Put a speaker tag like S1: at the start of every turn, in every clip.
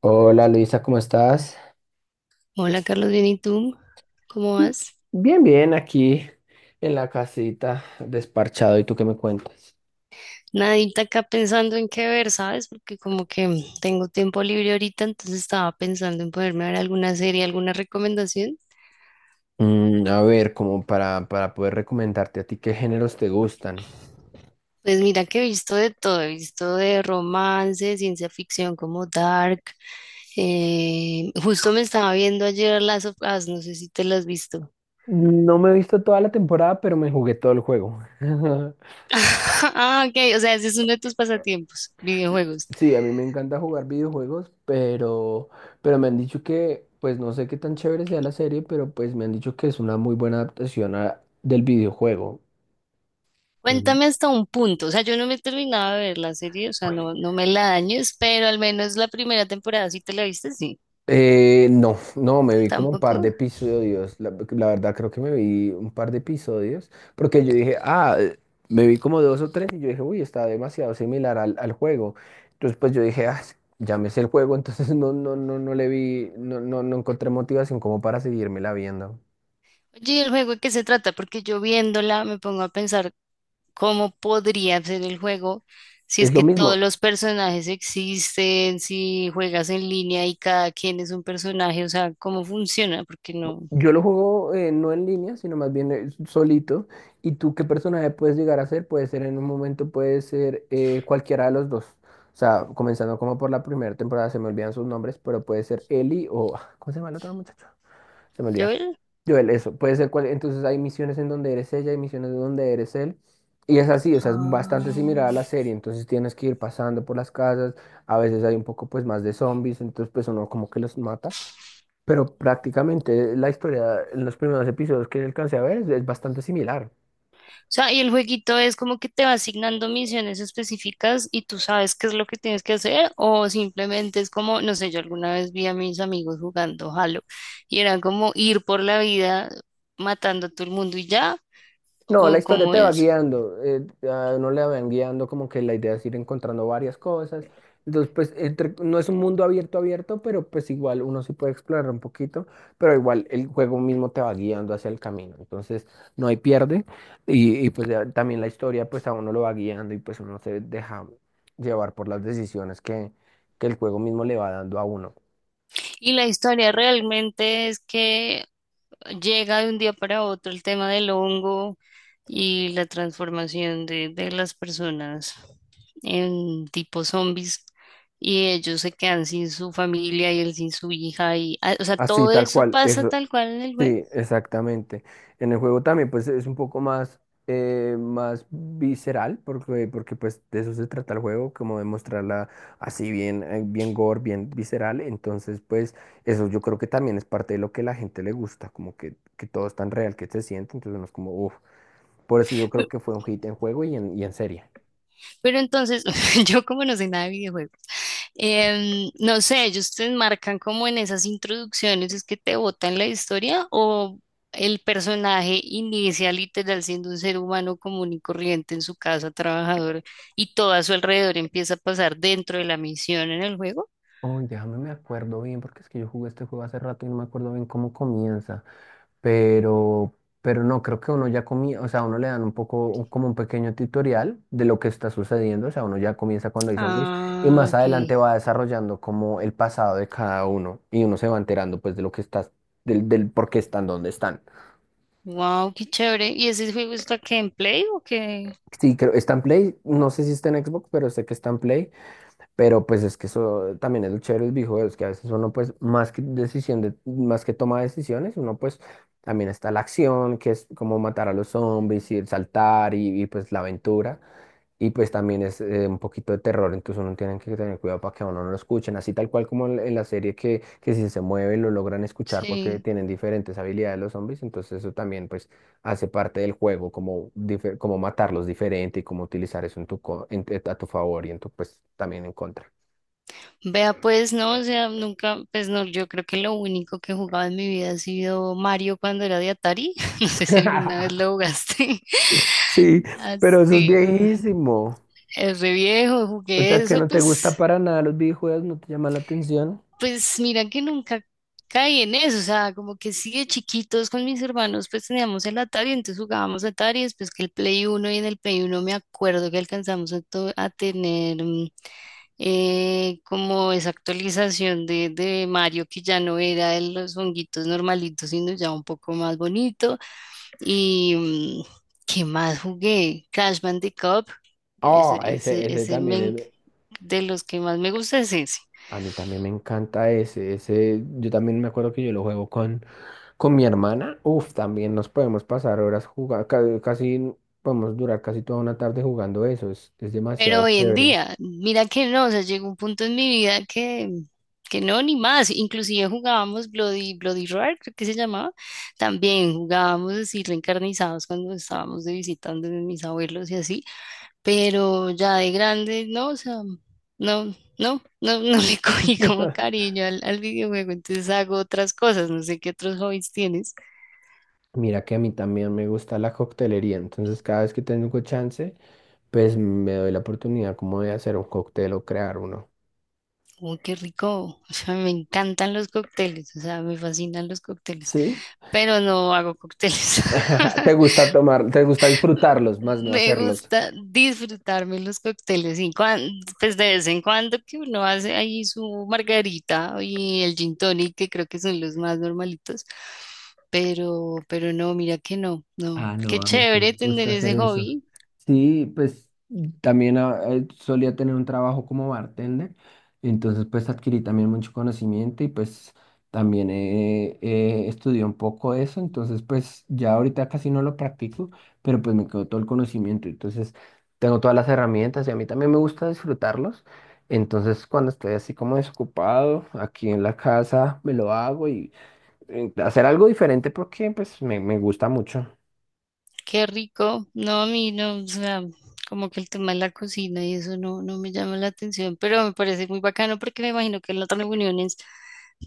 S1: Hola Luisa, ¿cómo estás?
S2: Hola Carlos, bien, ¿y tú? ¿Cómo vas?
S1: Bien, bien, aquí en la casita, desparchado. ¿Y tú qué me cuentas?
S2: Nadita acá pensando en qué ver, ¿sabes? Porque como que tengo tiempo libre ahorita, entonces estaba pensando en poderme ver alguna serie, alguna recomendación.
S1: A ver, como para poder recomendarte a ti qué géneros te gustan.
S2: Pues mira que he visto de todo, he visto de romance, ciencia ficción como Dark. Justo me estaba viendo ayer las of Us, no sé si te las has visto.
S1: No me he visto toda la temporada, pero me jugué todo el juego.
S2: Ah, ok, o sea, ese es uno de tus pasatiempos, videojuegos.
S1: Sí, a mí me encanta jugar videojuegos, pero me han dicho que, pues no sé qué tan chévere sea la serie, pero pues me han dicho que es una muy buena adaptación del videojuego. En-
S2: Cuéntame hasta un punto, o sea, yo no me he terminado de ver la serie, o sea, no, no me la dañes, pero al menos la primera temporada sí te la viste, sí,
S1: No, no, me vi como un par de
S2: tampoco.
S1: episodios. La verdad, creo que me vi un par de episodios. Porque yo dije, me vi como dos o tres. Y yo dije, uy, está demasiado similar al juego. Entonces, pues yo dije, ya me sé el juego. Entonces, no, no, no, no le vi, no, no, no encontré motivación como para seguírmela viendo.
S2: Oye, ¿y el juego de qué se trata? Porque yo viéndola me pongo a pensar cómo podría ser el juego si es
S1: Es lo
S2: que todos
S1: mismo.
S2: los personajes existen, si juegas en línea y cada quien es un personaje, o sea, ¿cómo funciona? Porque no.
S1: Yo lo juego no en línea, sino más bien solito. ¿Y tú qué personaje puedes llegar a ser? Puede ser en un momento, puede ser cualquiera de los dos. O sea, comenzando como por la primera temporada, se me olvidan sus nombres, pero puede ser Eli o... ah, ¿cómo se llama el otro muchacho? Se me olvida.
S2: Joel.
S1: Joel, eso. Puede ser cual... Entonces hay misiones en donde eres ella, hay misiones en donde eres él. Y es así, o sea, es bastante similar a la
S2: Ah.
S1: serie. Entonces tienes que ir pasando por las casas. A veces hay un poco pues más de zombies, entonces pues uno como que los mata. Pero prácticamente la historia en los primeros episodios que alcancé a ver es bastante similar.
S2: O sea, ¿y el jueguito es como que te va asignando misiones específicas y tú sabes qué es lo que tienes que hacer o simplemente es como, no sé? Yo alguna vez vi a mis amigos jugando Halo y era como ir por la vida matando a todo el mundo y ya,
S1: No, la
S2: o
S1: historia
S2: como
S1: te va
S2: es?
S1: guiando, a uno le van guiando como que la idea es ir encontrando varias cosas. Entonces, no es un mundo abierto, pero pues igual uno sí puede explorar un poquito, pero igual el juego mismo te va guiando hacia el camino. Entonces, no hay pierde pues ya también la historia pues a uno lo va guiando y pues uno se deja llevar por las decisiones que el juego mismo le va dando a uno.
S2: Y la historia realmente es que llega de un día para otro el tema del hongo y la transformación de las personas, en tipo zombies, y ellos se quedan sin su familia y él sin su hija y ah, o sea,
S1: Así,
S2: todo
S1: tal
S2: eso
S1: cual.
S2: pasa
S1: Eso,
S2: tal cual en el juego.
S1: sí, exactamente. En el juego también pues es un poco más, más visceral porque pues de eso se trata el juego, como de mostrarla así bien, bien gore, bien visceral. Entonces pues eso yo creo que también es parte de lo que la gente le gusta, como que todo es tan real que se siente, entonces uno es como, uff, por eso yo
S2: Pe-
S1: creo que fue un hit en juego y y en serie.
S2: Pero entonces, yo como no sé nada de videojuegos, no sé, ellos te enmarcan como en esas introducciones, es que te botan la historia o el personaje inicia literal siendo un ser humano común y corriente en su casa trabajadora y todo a su alrededor empieza a pasar dentro de la misión en el juego.
S1: Uy, déjame me acuerdo bien, porque es que yo jugué este juego hace rato y no me acuerdo bien cómo comienza. Pero, pero no, creo que uno ya comía o sea, a uno le dan un poco como un pequeño tutorial de lo que está sucediendo, o sea, uno ya comienza cuando hay zombies y
S2: Ah,
S1: más
S2: ok.
S1: adelante va desarrollando como el pasado de cada uno y uno se va enterando pues de lo que del por qué están donde están.
S2: Wow, qué chévere. ¿Y ese juego está que en Play o qué?
S1: Sí, creo, está en Play, no sé si está en Xbox, pero sé que está en Play. Pero pues es que eso también es lo chévere del videojuegos, que a veces uno pues más que más que toma decisiones, uno pues también está la acción, que es como matar a los zombies y el saltar pues la aventura. Y pues también es un poquito de terror, entonces uno tiene que tener cuidado para que a uno no lo escuchen, así tal cual como en la serie que si se mueve lo logran escuchar porque
S2: Sí.
S1: tienen diferentes habilidades los zombies, entonces eso también pues hace parte del juego, como, como matarlos diferente y cómo utilizar eso en a tu favor y en tu pues también en contra.
S2: Vea, pues no, o sea, nunca, pues no, yo creo que lo único que he jugado en mi vida ha sido Mario cuando era de Atari. No sé si alguna vez lo jugaste.
S1: Sí, pero eso es
S2: Así,
S1: viejísimo.
S2: es re viejo,
S1: O
S2: jugué
S1: sea, que
S2: eso,
S1: no te gusta
S2: pues,
S1: para nada los videojuegos, no te llama la atención.
S2: pues mira que nunca caí en eso, o sea, como que sí de chiquitos con mis hermanos, pues teníamos el Atari, entonces jugábamos Atari, después que el Play Uno, y en el Play Uno me acuerdo que alcanzamos a, a tener como esa actualización de Mario, que ya no era de los honguitos normalitos, sino ya un poco más bonito. Y ¿qué más jugué? Crash Bandicoot, ese,
S1: Oh,
S2: ese,
S1: ese
S2: ese me
S1: también
S2: en-
S1: es.
S2: De los que más me gusta es ese.
S1: A mí también me encanta ese. Ese, yo también me acuerdo que yo lo juego con mi hermana. Uf, también nos podemos pasar horas jugando. Casi podemos durar casi toda una tarde jugando eso. Es
S2: Pero
S1: demasiado
S2: hoy en
S1: chévere.
S2: día, mira que no, o sea, llegó un punto en mi vida que no, ni más. Inclusive jugábamos Bloody, Bloody Roar, creo que se llamaba. También jugábamos así reencarnizados cuando estábamos de visitando de mis abuelos y así. Pero ya de grande, no, o sea, no, no, no, no le cogí como cariño al, al videojuego, entonces hago otras cosas, no sé qué otros hobbies tienes.
S1: Mira que a mí también me gusta la coctelería. Entonces, cada vez que tengo chance, pues me doy la oportunidad como de hacer un cóctel o crear uno.
S2: Uy, qué rico, o sea, me encantan los cócteles, o sea, me fascinan los cócteles,
S1: Sí.
S2: pero no hago cócteles.
S1: Te gusta tomar, te gusta disfrutarlos, más no
S2: Me
S1: hacerlos.
S2: gusta disfrutarme los cócteles y pues de vez en cuando que uno hace ahí su margarita y el gin tonic, que creo que son los más normalitos. Pero no, mira que no, no.
S1: Ah,
S2: Qué
S1: no, a mí sí
S2: chévere
S1: me
S2: tener
S1: gusta hacer
S2: ese
S1: eso.
S2: hobby,
S1: Sí, pues también solía tener un trabajo como bartender, entonces pues adquirí también mucho conocimiento y pues también estudié un poco eso, entonces pues ya ahorita casi no lo practico, pero pues me quedó todo el conocimiento, entonces tengo todas las herramientas y a mí también me gusta disfrutarlos, entonces cuando estoy así como desocupado aquí en la casa me lo hago hacer algo diferente porque pues me gusta mucho.
S2: qué rico. No, a mí no, o sea, como que el tema de la cocina y eso no, no me llama la atención, pero me parece muy bacano porque me imagino que en las reuniones,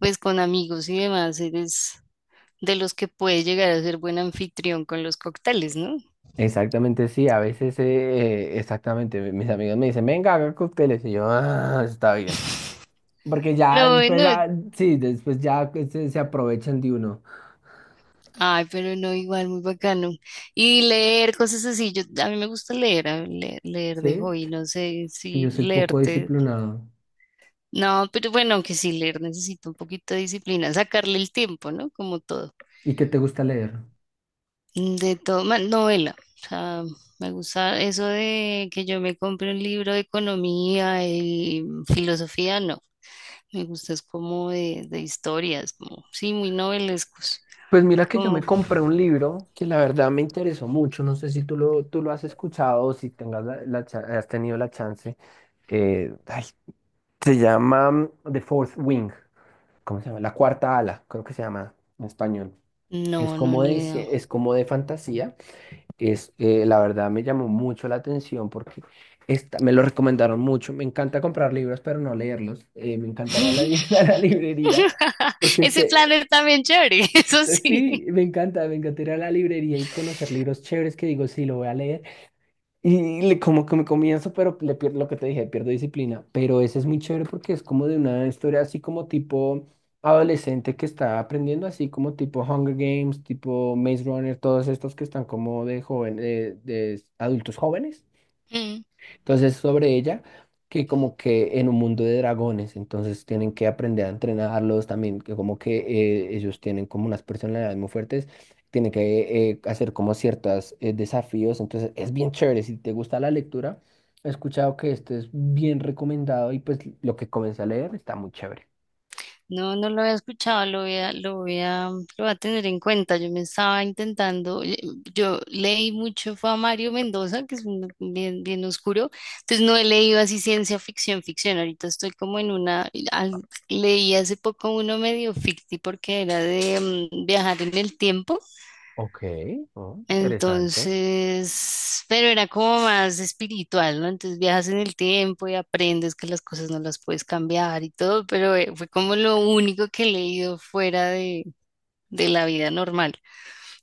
S2: pues con amigos y demás, eres de los que puede llegar a ser buen anfitrión con los cócteles, ¿no?
S1: Exactamente, sí, a veces, exactamente, mis amigos me dicen, venga, haga cócteles, y yo, ah, está bien, porque ya
S2: Pero bueno,
S1: después, ah, sí, después ya que se aprovechan de uno,
S2: ay, pero no, igual, muy bacano. Y leer cosas así, yo, a mí me gusta leer, leer, de
S1: ¿sí?
S2: hobby, no sé
S1: Que yo
S2: si
S1: soy poco
S2: leerte,
S1: disciplinado.
S2: no, pero bueno, aunque sí leer necesito un poquito de disciplina, sacarle el tiempo, ¿no? Como todo,
S1: ¿Y qué te gusta leer?
S2: de todo, novela, o sea, me gusta eso de que yo me compre un libro de economía y filosofía, no. Me gusta es como de historias, como, sí, muy novelescos.
S1: Pues mira que yo me
S2: Como,
S1: compré un libro que la verdad me interesó mucho, no sé si tú lo has escuchado o si tengas has tenido la chance, eh, ay, se llama The Fourth Wing. ¿Cómo se llama? La cuarta ala, creo que se llama en español. Es
S2: no, no,
S1: como
S2: ni
S1: de,
S2: idea.
S1: es como de fantasía. La verdad me llamó mucho la atención porque me lo recomendaron mucho. Me encanta comprar libros, pero no leerlos. Me encantará a la librería. Porque
S2: Ese
S1: se,
S2: planner también chévere, eso sí.
S1: sí, me encanta, me encantaría la librería y conocer libros chéveres que digo, sí, lo voy a leer como que me comienzo, pero le pierdo lo que te dije, pierdo disciplina. Pero ese es muy chévere porque es como de una historia así como tipo adolescente que está aprendiendo, así como tipo Hunger Games, tipo Maze Runner, todos estos que están como de joven, de adultos jóvenes. Entonces, sobre ella, que como que en un mundo de dragones, entonces tienen que aprender a entrenarlos también, que como que ellos tienen como unas personalidades muy fuertes, tienen que hacer como ciertos desafíos, entonces es bien chévere. Si te gusta la lectura, he escuchado que este es bien recomendado y pues lo que comencé a leer está muy chévere.
S2: No, no lo había escuchado, lo voy a, lo voy a, lo voy a tener en cuenta. Yo me estaba intentando, yo leí mucho, fue a Mario Mendoza, que es bien, bien oscuro, entonces no he leído así ciencia ficción, ficción. Ahorita estoy como en una, leí hace poco uno medio ficti porque era de viajar en el tiempo.
S1: Ok, oh, interesante.
S2: Entonces, pero era como más espiritual, ¿no? Entonces viajas en el tiempo y aprendes que las cosas no las puedes cambiar y todo, pero fue como lo único que he leído fuera de la vida normal.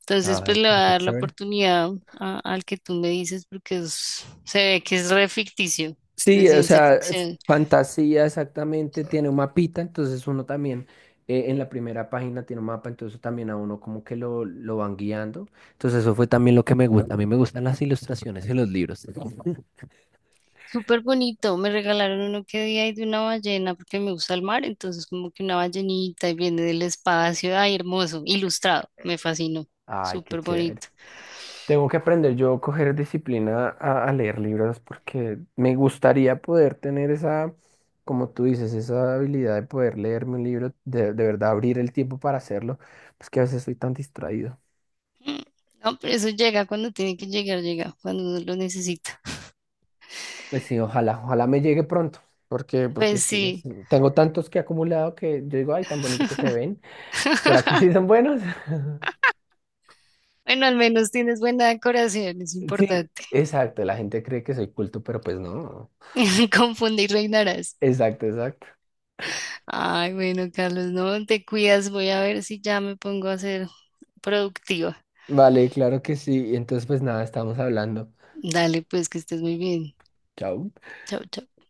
S2: Entonces, pues
S1: Ay,
S2: le voy a
S1: pero qué
S2: dar la
S1: chévere.
S2: oportunidad al que tú me dices porque se ve que es re ficticio, de
S1: Sí, o
S2: ciencia
S1: sea,
S2: ficción.
S1: fantasía exactamente, tiene un mapita, entonces uno también en la primera página tiene un mapa, entonces también a uno como que lo van guiando. Entonces eso fue también lo que me gusta. A mí me gustan las ilustraciones en los libros.
S2: Súper bonito, me regalaron uno que día y de una ballena porque me gusta el mar, entonces como que una ballenita y viene del espacio, ay, hermoso, ilustrado, me fascinó,
S1: Ay, qué
S2: súper
S1: chévere.
S2: bonito.
S1: Tengo que aprender yo a coger disciplina a leer libros porque me gustaría poder tener esa, como tú dices, esa habilidad de poder leerme un libro, de verdad abrir el tiempo para hacerlo, pues que a veces soy tan distraído.
S2: Mm, no, pero eso llega cuando tiene que llegar, llega cuando uno lo necesita.
S1: Pues sí, ojalá me llegue pronto, porque
S2: Pues
S1: sí,
S2: sí,
S1: sí, tengo tantos que he acumulado que yo digo, ay, tan bonito que se ven. ¿Será que sí son buenos?
S2: bueno, al menos tienes buena decoración, es
S1: Sí,
S2: importante.
S1: exacto, la gente cree que soy culto, pero pues no.
S2: Confundir reinarás.
S1: Exacto, exacto.
S2: Ay, bueno, Carlos, no te cuidas, voy a ver si ya me pongo a ser productiva.
S1: Vale, claro que sí. Entonces, pues nada, estamos hablando.
S2: Dale, pues que estés muy bien.
S1: Chao.
S2: Chao, chao.